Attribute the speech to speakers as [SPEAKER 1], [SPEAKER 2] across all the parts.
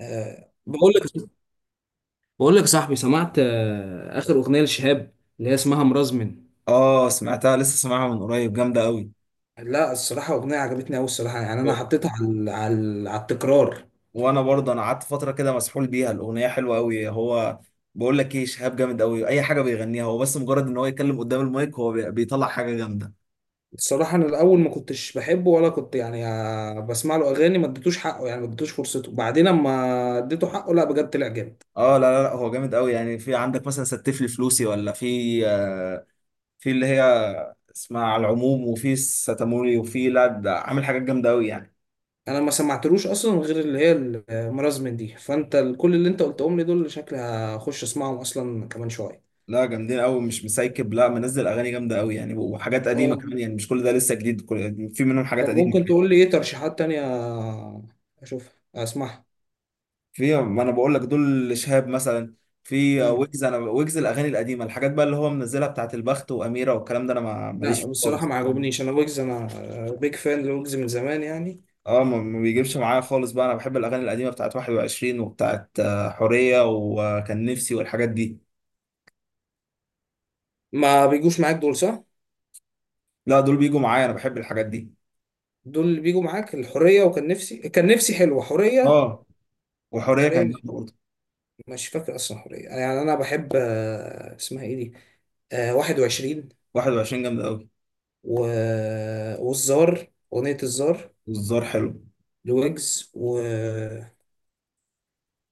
[SPEAKER 1] آه، بقول لك بقول لك يا صاحبي، سمعت اخر اغنيه لشهاب اللي هي اسمها مرزمن.
[SPEAKER 2] اه سمعتها، لسه سامعها من قريب. جامده قوي.
[SPEAKER 1] لا الصراحة أغنية عجبتني أوي الصراحة، يعني أنا
[SPEAKER 2] و-
[SPEAKER 1] حطيتها على التكرار.
[SPEAKER 2] وانا برضه انا قعدت فتره كده مسحول بيها. الاغنيه حلوه قوي. هو بقول لك ايه، شهاب جامد قوي. اي حاجه بيغنيها هو، بس مجرد ان هو يتكلم قدام المايك هو بيطلع حاجه جامده.
[SPEAKER 1] الصراحة أنا الأول ما كنتش بحبه ولا كنت يعني بسمع له أغاني، ما اديتوش حقه يعني ما اديتوش فرصته. بعدين أما اديته حقه، لا بجد طلع جامد.
[SPEAKER 2] اه، لا لا لا، هو جامد قوي. يعني في عندك مثلا ستف لي فلوسي، ولا في في اللي هي اسمها، على العموم. وفي ستاموري، وفي، لا ده عامل حاجات جامده قوي يعني.
[SPEAKER 1] أنا ما سمعتلوش أصلا غير اللي هي المرازمن دي. فأنت كل اللي أنت قلتهم لي دول شكلي هخش أسمعهم أصلا كمان شوية.
[SPEAKER 2] لا جامدين قوي، مش مسايكب، لا منزل اغاني جامده قوي يعني. وحاجات قديمه كمان، يعني مش كل ده لسه جديد، كل في منهم حاجات
[SPEAKER 1] طب
[SPEAKER 2] قديمه.
[SPEAKER 1] ممكن تقول لي ايه ترشيحات تانية اشوفها اسمعها؟
[SPEAKER 2] في، ما انا بقول لك، دول شهاب مثلا. في
[SPEAKER 1] مم.
[SPEAKER 2] ويجز. انا ويجز الاغاني القديمه، الحاجات بقى اللي هو منزلها بتاعت البخت واميره والكلام ده، انا ماليش
[SPEAKER 1] لا
[SPEAKER 2] فيه
[SPEAKER 1] بصراحة
[SPEAKER 2] خالص.
[SPEAKER 1] ما عجبنيش انا ويجز. انا بيج فان لويجز من زمان يعني.
[SPEAKER 2] اه، ما بيجيبش معايا خالص بقى. انا بحب الاغاني القديمه بتاعت 21 وبتاعت حوريه وكان نفسي والحاجات دي.
[SPEAKER 1] ما بيجوش معاك دول، صح.
[SPEAKER 2] لا دول بيجوا معايا، انا بحب الحاجات دي.
[SPEAKER 1] دول اللي بيجوا معاك الحرية وكان نفسي، كان نفسي حلوة. حرية
[SPEAKER 2] اه، وحوريه كان
[SPEAKER 1] حرية مش
[SPEAKER 2] جامده برضه.
[SPEAKER 1] مش فاكر اصلا حرية. يعني انا بحب اسمها ايه دي، 21
[SPEAKER 2] 21 جامده قوي.
[SPEAKER 1] و... والزار، اغنية الزار
[SPEAKER 2] والزار حلو.
[SPEAKER 1] لويجز.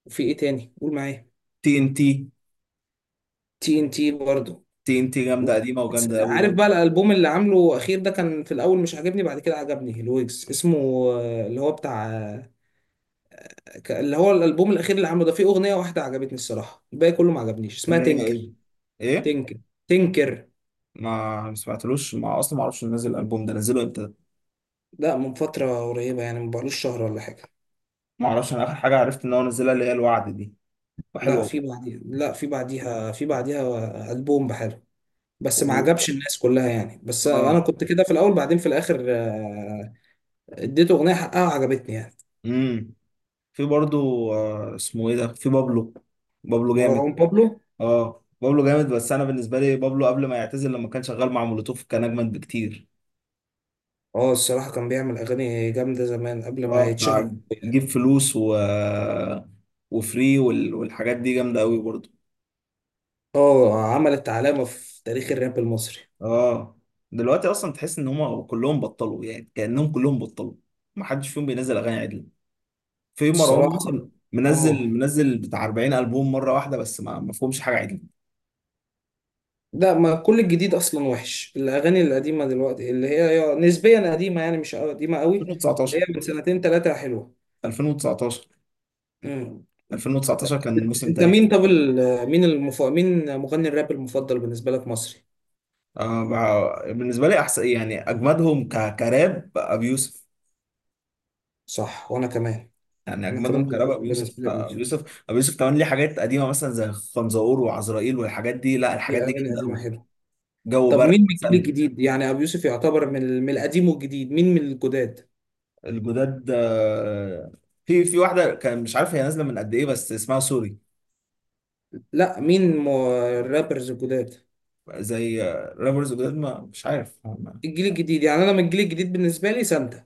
[SPEAKER 1] وفي ايه تاني قول معايا؟
[SPEAKER 2] تي ان تي.
[SPEAKER 1] تي ان تي برضه.
[SPEAKER 2] تي ان تي جامده قديمه
[SPEAKER 1] بس
[SPEAKER 2] وجامده قوي
[SPEAKER 1] عارف
[SPEAKER 2] برضه.
[SPEAKER 1] بقى الالبوم اللي عامله اخير ده كان في الاول مش عاجبني، بعد كده عجبني الويجز اسمه اللي هو بتاع اللي هو الالبوم الاخير اللي عامله ده، فيه اغنيه واحده عجبتني الصراحه، الباقي كله ما عجبنيش. اسمها
[SPEAKER 2] اللي هي
[SPEAKER 1] تنكر.
[SPEAKER 2] ايه؟ ايه؟
[SPEAKER 1] تنكر. تنكر.
[SPEAKER 2] ما سمعتلوش، ما اصلا ما اعرفش نزل الالبوم ده. نزله امتى ده؟
[SPEAKER 1] لا من فتره قريبه يعني، ما بقالوش شهر ولا حاجه.
[SPEAKER 2] ما اعرفش، انا اخر حاجه عرفت ان هو نزلها اللي هي الوعد دي،
[SPEAKER 1] لا،
[SPEAKER 2] وحلوه
[SPEAKER 1] في
[SPEAKER 2] برضه.
[SPEAKER 1] بعديها لا في بعديها في بعديها البوم بحاله. بس ما
[SPEAKER 2] و-
[SPEAKER 1] عجبش الناس كلها يعني. بس انا
[SPEAKER 2] اه.
[SPEAKER 1] كنت كده في الاول، بعدين في الاخر اديته اغنيه حقها وعجبتني يعني.
[SPEAKER 2] امم. في برضو، آه اسمه ايه ده، في بابلو. بابلو جامد.
[SPEAKER 1] مروان بابلو.
[SPEAKER 2] اه بابلو جامد، بس انا بالنسبه لي بابلو قبل ما يعتزل، لما كان شغال مع مولوتوف كان اجمد بكتير.
[SPEAKER 1] اه، الصراحة كان بيعمل أغاني جامدة زمان قبل ما
[SPEAKER 2] اه بتاع
[SPEAKER 1] يتشهر.
[SPEAKER 2] جيب فلوس، و وفري والحاجات دي جامده قوي برضو.
[SPEAKER 1] اه، عملت علامة في تاريخ الراب المصري.
[SPEAKER 2] اه. دلوقتي اصلا تحس ان هم كلهم بطلوا، يعني كانهم كلهم بطلوا، ما حدش فيهم بينزل اغاني عدل. في مروان
[SPEAKER 1] الصراحة.
[SPEAKER 2] موسى، منزل
[SPEAKER 1] اه،
[SPEAKER 2] منزل بتاع 40 ألبوم مرة واحدة، بس ما فيهمش حاجة عدل.
[SPEAKER 1] لا ما كل الجديد أصلا وحش. الأغاني القديمة دلوقتي اللي هي نسبيا قديمة يعني مش قديمة قوي. اللي هي
[SPEAKER 2] 2019،
[SPEAKER 1] من سنتين تلاتة حلوة.
[SPEAKER 2] 2019،
[SPEAKER 1] مم.
[SPEAKER 2] 2019 كان موسم
[SPEAKER 1] أنت
[SPEAKER 2] تاريخي.
[SPEAKER 1] مين؟ طب مين مين مغني الراب المفضل بالنسبة لك مصري؟
[SPEAKER 2] آه، بالنسبة لي أحسن يعني أجمدهم كراب أبو يوسف.
[SPEAKER 1] صح، وأنا كمان.
[SPEAKER 2] يعني
[SPEAKER 1] أنا كمان
[SPEAKER 2] أجمدهم كراب أبو
[SPEAKER 1] المفضل بالنسبة
[SPEAKER 2] يوسف.
[SPEAKER 1] لي أبو
[SPEAKER 2] أبو
[SPEAKER 1] يوسف.
[SPEAKER 2] يوسف، أبو يوسف كمان ليه حاجات قديمة مثلا زي خنزقور وعزرائيل والحاجات دي، لا
[SPEAKER 1] دي
[SPEAKER 2] الحاجات دي
[SPEAKER 1] أغاني
[SPEAKER 2] جامدة
[SPEAKER 1] قديمة
[SPEAKER 2] أوي.
[SPEAKER 1] حلوة.
[SPEAKER 2] جو
[SPEAKER 1] طب
[SPEAKER 2] برد
[SPEAKER 1] مين من الجيل
[SPEAKER 2] مثلا.
[SPEAKER 1] الجديد؟ يعني أبو يوسف يعتبر من القديم والجديد. مين من الجداد؟
[SPEAKER 2] الجداد، في واحدة كان مش عارف هي نازلة من قد إيه بس اسمها سوري.
[SPEAKER 1] لا مين الرابرز الجداد.
[SPEAKER 2] زي رابرز جداد ما مش عارف.
[SPEAKER 1] الجيل الجديد، يعني انا من الجيل الجديد بالنسبه لي سانتا.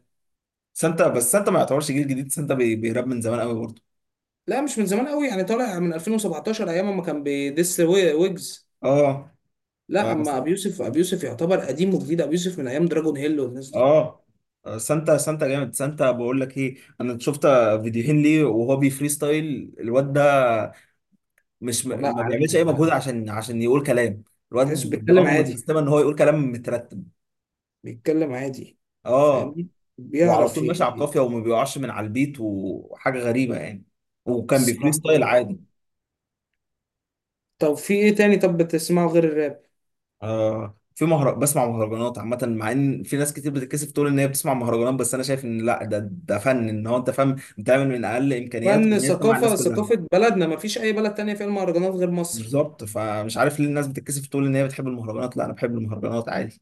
[SPEAKER 2] سانتا، بس سانتا ما يعتبرش جيل جديد، سانتا بيراب من زمان قوي برضه.
[SPEAKER 1] لا مش من زمان قوي يعني، طالع من 2017 ايام ما كان بيدس ويجز.
[SPEAKER 2] اه.
[SPEAKER 1] لا
[SPEAKER 2] بس-
[SPEAKER 1] اما ابي يوسف، ابي يوسف يعتبر قديم وجديد. ابي يوسف من ايام دراجون هيل والناس دي.
[SPEAKER 2] اه. آه، سانتا، سانتا جامد. سانتا بقول لك ايه، انا شفت فيديوهين ليه وهو بيفري ستايل الواد ده. مش
[SPEAKER 1] والله،
[SPEAKER 2] ما بيعملش اي
[SPEAKER 1] عالمي
[SPEAKER 2] مجهود
[SPEAKER 1] عالمي.
[SPEAKER 2] عشان عشان يقول كلام. الواد
[SPEAKER 1] تحسه بيتكلم
[SPEAKER 2] دماغه
[SPEAKER 1] عادي،
[SPEAKER 2] متسيستمه ان هو يقول كلام مترتب.
[SPEAKER 1] بيتكلم عادي.
[SPEAKER 2] اه.
[SPEAKER 1] فاهمني.
[SPEAKER 2] وعلى
[SPEAKER 1] بيعرف
[SPEAKER 2] طول ماشي على القافيه وما بيقعش من على البيت، وحاجه غريبه يعني. وكان بيفري
[SPEAKER 1] الصراحه.
[SPEAKER 2] ستايل عادي.
[SPEAKER 1] طب في ايه تاني؟ طب بتسمعه غير الراب؟
[SPEAKER 2] آه، في بسمع مهرجانات عامة، مع ان في ناس كتير بتتكسف تقول ان هي بتسمع مهرجانات، بس انا شايف ان لا، ده ده فن، ان هو انت فاهم بتعمل من اقل امكانيات
[SPEAKER 1] فن،
[SPEAKER 2] وان انت مع
[SPEAKER 1] ثقافه،
[SPEAKER 2] الناس كلها.
[SPEAKER 1] ثقافه بلدنا. ما فيش اي بلد تانية فيها المهرجانات غير مصر.
[SPEAKER 2] بالظبط، فمش عارف ليه الناس بتتكسف تقول ان هي بتحب المهرجانات. لا، انا بحب المهرجانات عادي.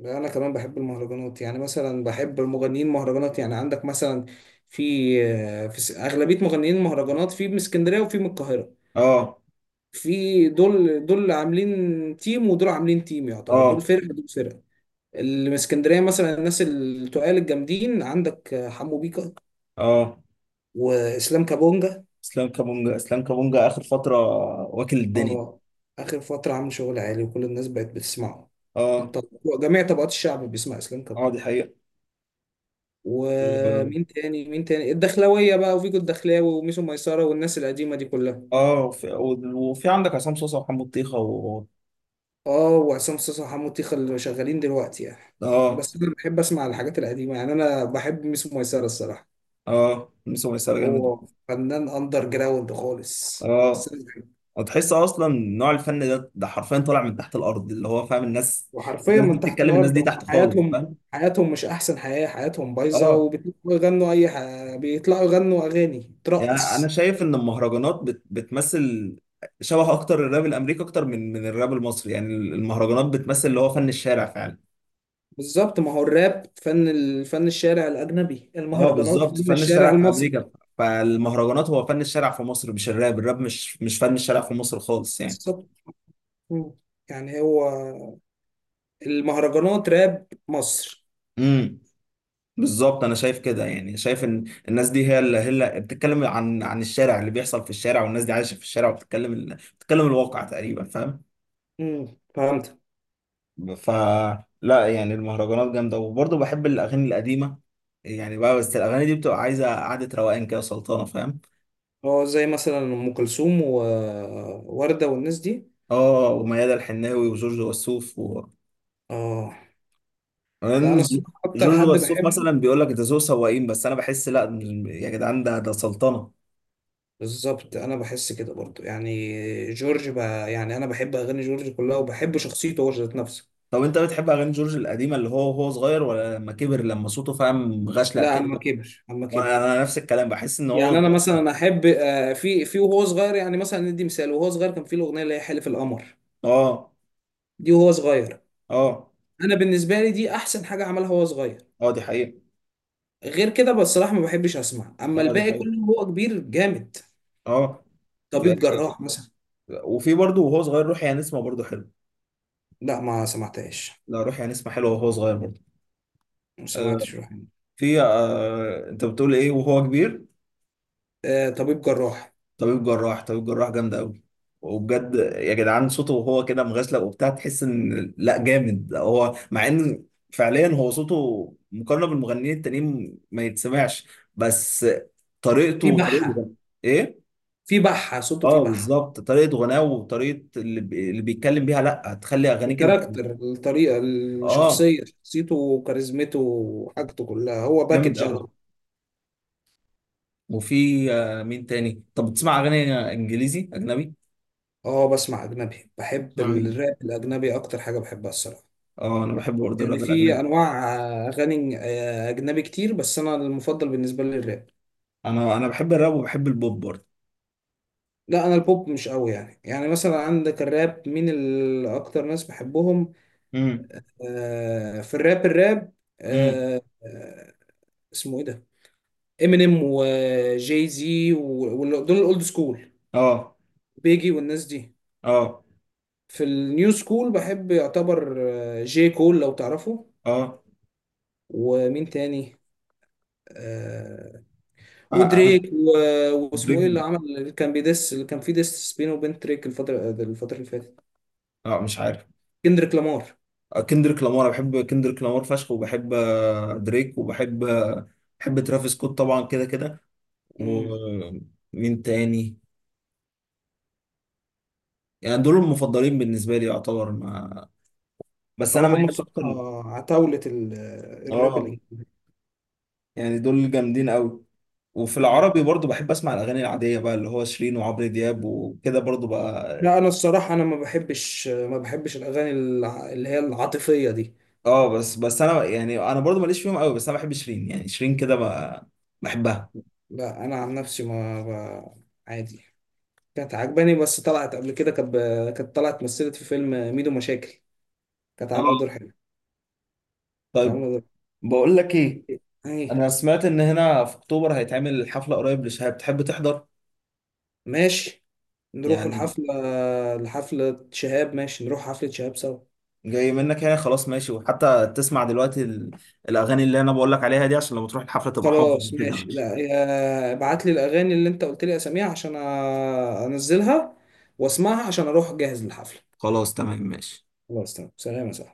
[SPEAKER 1] لا، انا كمان بحب المهرجانات، يعني مثلا بحب المغنيين مهرجانات، يعني عندك مثلا في في اغلبيه مغنيين المهرجانات، في من اسكندريه وفي من القاهره.
[SPEAKER 2] اه.
[SPEAKER 1] في دول عاملين تيم ودول عاملين تيم. يعتبر دول
[SPEAKER 2] اه.
[SPEAKER 1] فرقه، دول فرقه. اللي من اسكندريه مثلا، الناس التقال الجامدين عندك حمو بيكا،
[SPEAKER 2] اه.
[SPEAKER 1] واسلام كابونجا.
[SPEAKER 2] اسلام كابونجا، اسلام كابونجا اخر فترة واكل الدنيا.
[SPEAKER 1] اه، اخر فتره عامل شغل عالي وكل الناس بقت بتسمعه.
[SPEAKER 2] اه.
[SPEAKER 1] الط- جميع طبقات الشعب بيسمع اسلام
[SPEAKER 2] اه
[SPEAKER 1] كابونجا.
[SPEAKER 2] دي حقيقة. و-
[SPEAKER 1] ومين تاني؟ الدخلاوية بقى، وفيجو الدخلاوي، وميسو ميسرة، والناس القديمة دي كلها.
[SPEAKER 2] اه. وفي، وفي عندك عصام صوصة وحمو الطيخة
[SPEAKER 1] اه، وعصام صاصا وحمو تيخة اللي شغالين دلوقتي يعني.
[SPEAKER 2] اه.
[SPEAKER 1] بس انا بحب اسمع الحاجات القديمة، يعني انا بحب ميسو ميسرة الصراحة.
[SPEAKER 2] اه، ميسو ميساء
[SPEAKER 1] هو
[SPEAKER 2] جامد.
[SPEAKER 1] فنان اندر جراوند خالص. بس
[SPEAKER 2] اه.
[SPEAKER 1] أنا بحبه.
[SPEAKER 2] هتحس اصلا نوع الفن ده، ده حرفيا طالع من تحت الارض، اللي هو فاهم. الناس،
[SPEAKER 1] وحرفيا
[SPEAKER 2] الناس دي
[SPEAKER 1] من تحت
[SPEAKER 2] بتتكلم، الناس
[SPEAKER 1] الارض،
[SPEAKER 2] دي
[SPEAKER 1] هم
[SPEAKER 2] تحت خالص
[SPEAKER 1] حياتهم.
[SPEAKER 2] فاهم.
[SPEAKER 1] حياتهم مش احسن حياة، حياتهم بايظة
[SPEAKER 2] اه.
[SPEAKER 1] وبيطلعوا يغنوا اي بيطلعوا يغنوا اغاني
[SPEAKER 2] يعني انا
[SPEAKER 1] ترقص.
[SPEAKER 2] شايف ان المهرجانات بتمثل شبه اكتر الراب الامريكي، اكتر من الراب المصري. يعني المهرجانات بتمثل اللي هو فن الشارع فعلا.
[SPEAKER 1] بالظبط، ما هو الراب فن الشارع الاجنبي،
[SPEAKER 2] اه
[SPEAKER 1] المهرجانات
[SPEAKER 2] بالظبط
[SPEAKER 1] فن
[SPEAKER 2] فن
[SPEAKER 1] الشارع
[SPEAKER 2] الشارع في
[SPEAKER 1] المصري.
[SPEAKER 2] امريكا، فالمهرجانات هو فن الشارع في مصر، مش الراب. الراب مش مش فن الشارع في مصر خالص يعني.
[SPEAKER 1] بالظبط. مم. يعني هو المهرجانات راب مصر.
[SPEAKER 2] امم. بالظبط، انا شايف كده يعني. شايف ان الناس دي هي اللي بتتكلم عن الشارع، اللي بيحصل في الشارع، والناس دي عايشه في الشارع، وبتتكلم بتتكلم الواقع تقريبا، فاهم.
[SPEAKER 1] مم. فهمت.
[SPEAKER 2] ف لا يعني المهرجانات جامده. وبرضه بحب الاغاني القديمه يعني بقى، بس الاغاني دي بتبقى عايزه قعده روقان كده سلطانه فاهم.
[SPEAKER 1] هو زي مثلا ام كلثوم ووردة والناس دي.
[SPEAKER 2] اه وميادة الحناوي وجورج وسوف
[SPEAKER 1] اه. لا انا الصراحه اكتر
[SPEAKER 2] جورج
[SPEAKER 1] حد
[SPEAKER 2] وسوف
[SPEAKER 1] بحبه.
[SPEAKER 2] مثلا بيقول لك ده ذو سواقين، بس انا بحس لا، يا جدعان ده ده سلطنه.
[SPEAKER 1] بالظبط، انا بحس كده برضو. يعني جورج بقى، يعني انا بحب اغاني جورج كلها وبحب شخصيته هو ذات نفسه.
[SPEAKER 2] طب انت بتحب اغاني جورج القديمه اللي هو وهو صغير، ولا لما كبر لما صوته فاهم غشلق
[SPEAKER 1] لا،
[SPEAKER 2] كده؟
[SPEAKER 1] اما كبر، اما
[SPEAKER 2] وانا،
[SPEAKER 1] كبر.
[SPEAKER 2] انا نفس الكلام، بحس ان هو
[SPEAKER 1] يعني انا
[SPEAKER 2] صغير.
[SPEAKER 1] مثلا احب، في وهو صغير. يعني مثلا ندي مثال، وهو صغير كان في الاغنيه اللي هي حلف القمر،
[SPEAKER 2] اه.
[SPEAKER 1] دي وهو صغير.
[SPEAKER 2] اه.
[SPEAKER 1] انا بالنسبه لي دي احسن حاجه عملها وهو صغير.
[SPEAKER 2] اه دي حقيقه.
[SPEAKER 1] غير كده بصراحة ما بحبش اسمع، اما
[SPEAKER 2] اه دي
[SPEAKER 1] الباقي
[SPEAKER 2] حقيقه.
[SPEAKER 1] كله هو كبير جامد.
[SPEAKER 2] اه. في،
[SPEAKER 1] طبيب جراح مثلا.
[SPEAKER 2] وفي برضه وهو صغير روحي يا نسمه برضه حلو.
[SPEAKER 1] لا ما سمعتهاش.
[SPEAKER 2] لا روحي يا نسمه حلوه وهو صغير برضه.
[SPEAKER 1] ما
[SPEAKER 2] آه.
[SPEAKER 1] سمعتش روح هنا.
[SPEAKER 2] في آه، انت بتقول ايه وهو كبير؟
[SPEAKER 1] آه، طبيب جراح.
[SPEAKER 2] طبيب جراح، طبيب جراح جامد قوي. وبجد يا جدعان، صوته وهو كده مغسله وبتاع، تحس ان لا جامد هو، مع ان فعليا هو صوته مقارنه بالمغنيين التانيين ما يتسمعش. بس طريقته
[SPEAKER 1] في
[SPEAKER 2] وطريقه
[SPEAKER 1] بحة.
[SPEAKER 2] ايه.
[SPEAKER 1] في بحة صوته، في
[SPEAKER 2] اه
[SPEAKER 1] بحة.
[SPEAKER 2] بالظبط، طريقه غناه وطريقه اللي بيتكلم بيها، لا هتخلي اغانيك انت.
[SPEAKER 1] الكاركتر، الطريقة،
[SPEAKER 2] اه.
[SPEAKER 1] الشخصية، شخصيته وكاريزمته وحاجته كلها. هو
[SPEAKER 2] جامد
[SPEAKER 1] باكج على
[SPEAKER 2] قوي.
[SPEAKER 1] طول.
[SPEAKER 2] وفي آه، مين تاني؟ طب بتسمع اغاني انجليزي اجنبي؟
[SPEAKER 1] اه، بسمع اجنبي. بحب
[SPEAKER 2] بتسمع مين؟
[SPEAKER 1] الراب الاجنبي اكتر حاجة بحبها الصراحة.
[SPEAKER 2] اه انا بحب برضه
[SPEAKER 1] يعني
[SPEAKER 2] الراب الاجنبي.
[SPEAKER 1] في انواع اغاني اجنبي كتير، بس انا المفضل بالنسبة لي الراب.
[SPEAKER 2] انا بحب الراب وبحب البوب برضه.
[SPEAKER 1] لا انا البوب مش قوي يعني مثلا عندك الراب، مين اكتر ناس بحبهم؟
[SPEAKER 2] مم.
[SPEAKER 1] في الراب.
[SPEAKER 2] امم.
[SPEAKER 1] آه اسمه ايه ده؟ امينيم وجاي زي دول الاولد سكول،
[SPEAKER 2] اه.
[SPEAKER 1] بيجي والناس دي.
[SPEAKER 2] اه.
[SPEAKER 1] في النيو سكول بحب يعتبر جي كول لو تعرفه.
[SPEAKER 2] اه.
[SPEAKER 1] ومين تاني؟ آه
[SPEAKER 2] آه، انا.
[SPEAKER 1] ودريك، واسمه ايه اللي
[SPEAKER 2] دريك.
[SPEAKER 1] عمل اللي كان بيدس اللي كان فيه ديس بينه وبين دريك الفترة اللي فاتت؟
[SPEAKER 2] اه مش عارف.
[SPEAKER 1] كندريك لامار.
[SPEAKER 2] آه، كندريك لامار. أنا بحب كندريك لامار فشخ، وبحب آه، دريك، وبحب بحب ترافيس سكوت طبعا كده كده. ومين تاني؟ يعني دول المفضلين بالنسبه لي يعتبر، ما بس
[SPEAKER 1] اه،
[SPEAKER 2] انا
[SPEAKER 1] هم
[SPEAKER 2] ميال اكتر.
[SPEAKER 1] الصراحة عتاولة الراب
[SPEAKER 2] اه.
[SPEAKER 1] الإنجليزي.
[SPEAKER 2] يعني دول جامدين قوي. وفي العربي
[SPEAKER 1] مم.
[SPEAKER 2] برضو بحب اسمع الاغاني العاديه بقى، اللي هو شيرين وعمرو دياب وكده برضو بقى.
[SPEAKER 1] لا أنا الصراحة، أنا ما بحبش الأغاني اللي هي العاطفية دي.
[SPEAKER 2] اه بس، انا برضو ماليش فيهم قوي، بس انا بحب شيرين، يعني شيرين كده بقى، بحبها.
[SPEAKER 1] لا أنا عن نفسي ما ب- عادي. كانت عجباني، بس طلعت قبل كده كانت طلعت مثلت في فيلم ميدو مشاكل. كانت
[SPEAKER 2] اه.
[SPEAKER 1] عاملة دور حلو. كانت
[SPEAKER 2] طيب.
[SPEAKER 1] عاملة دور.
[SPEAKER 2] بقول لك ايه،
[SPEAKER 1] أيه؟
[SPEAKER 2] انا سمعت ان هنا في اكتوبر هيتعمل حفله قريب لشهاب، تحب تحضر؟
[SPEAKER 1] ماشي، نروح
[SPEAKER 2] يعني
[SPEAKER 1] الحفلة. لحفلة شهاب ماشي، نروح حفلة شهاب سوا.
[SPEAKER 2] جاي منك يعني، خلاص ماشي. وحتى تسمع دلوقتي الاغاني اللي انا بقول لك عليها دي، عشان لما تروح الحفله تبقى حافظ
[SPEAKER 1] خلاص
[SPEAKER 2] كده،
[SPEAKER 1] ماشي.
[SPEAKER 2] ماشي؟
[SPEAKER 1] لا ابعت لي الاغاني اللي انت قلت لي اساميها عشان انزلها واسمعها عشان اروح جاهز للحفله.
[SPEAKER 2] خلاص، تمام، ماشي.
[SPEAKER 1] خلاص تمام، سلام يا صاحبي.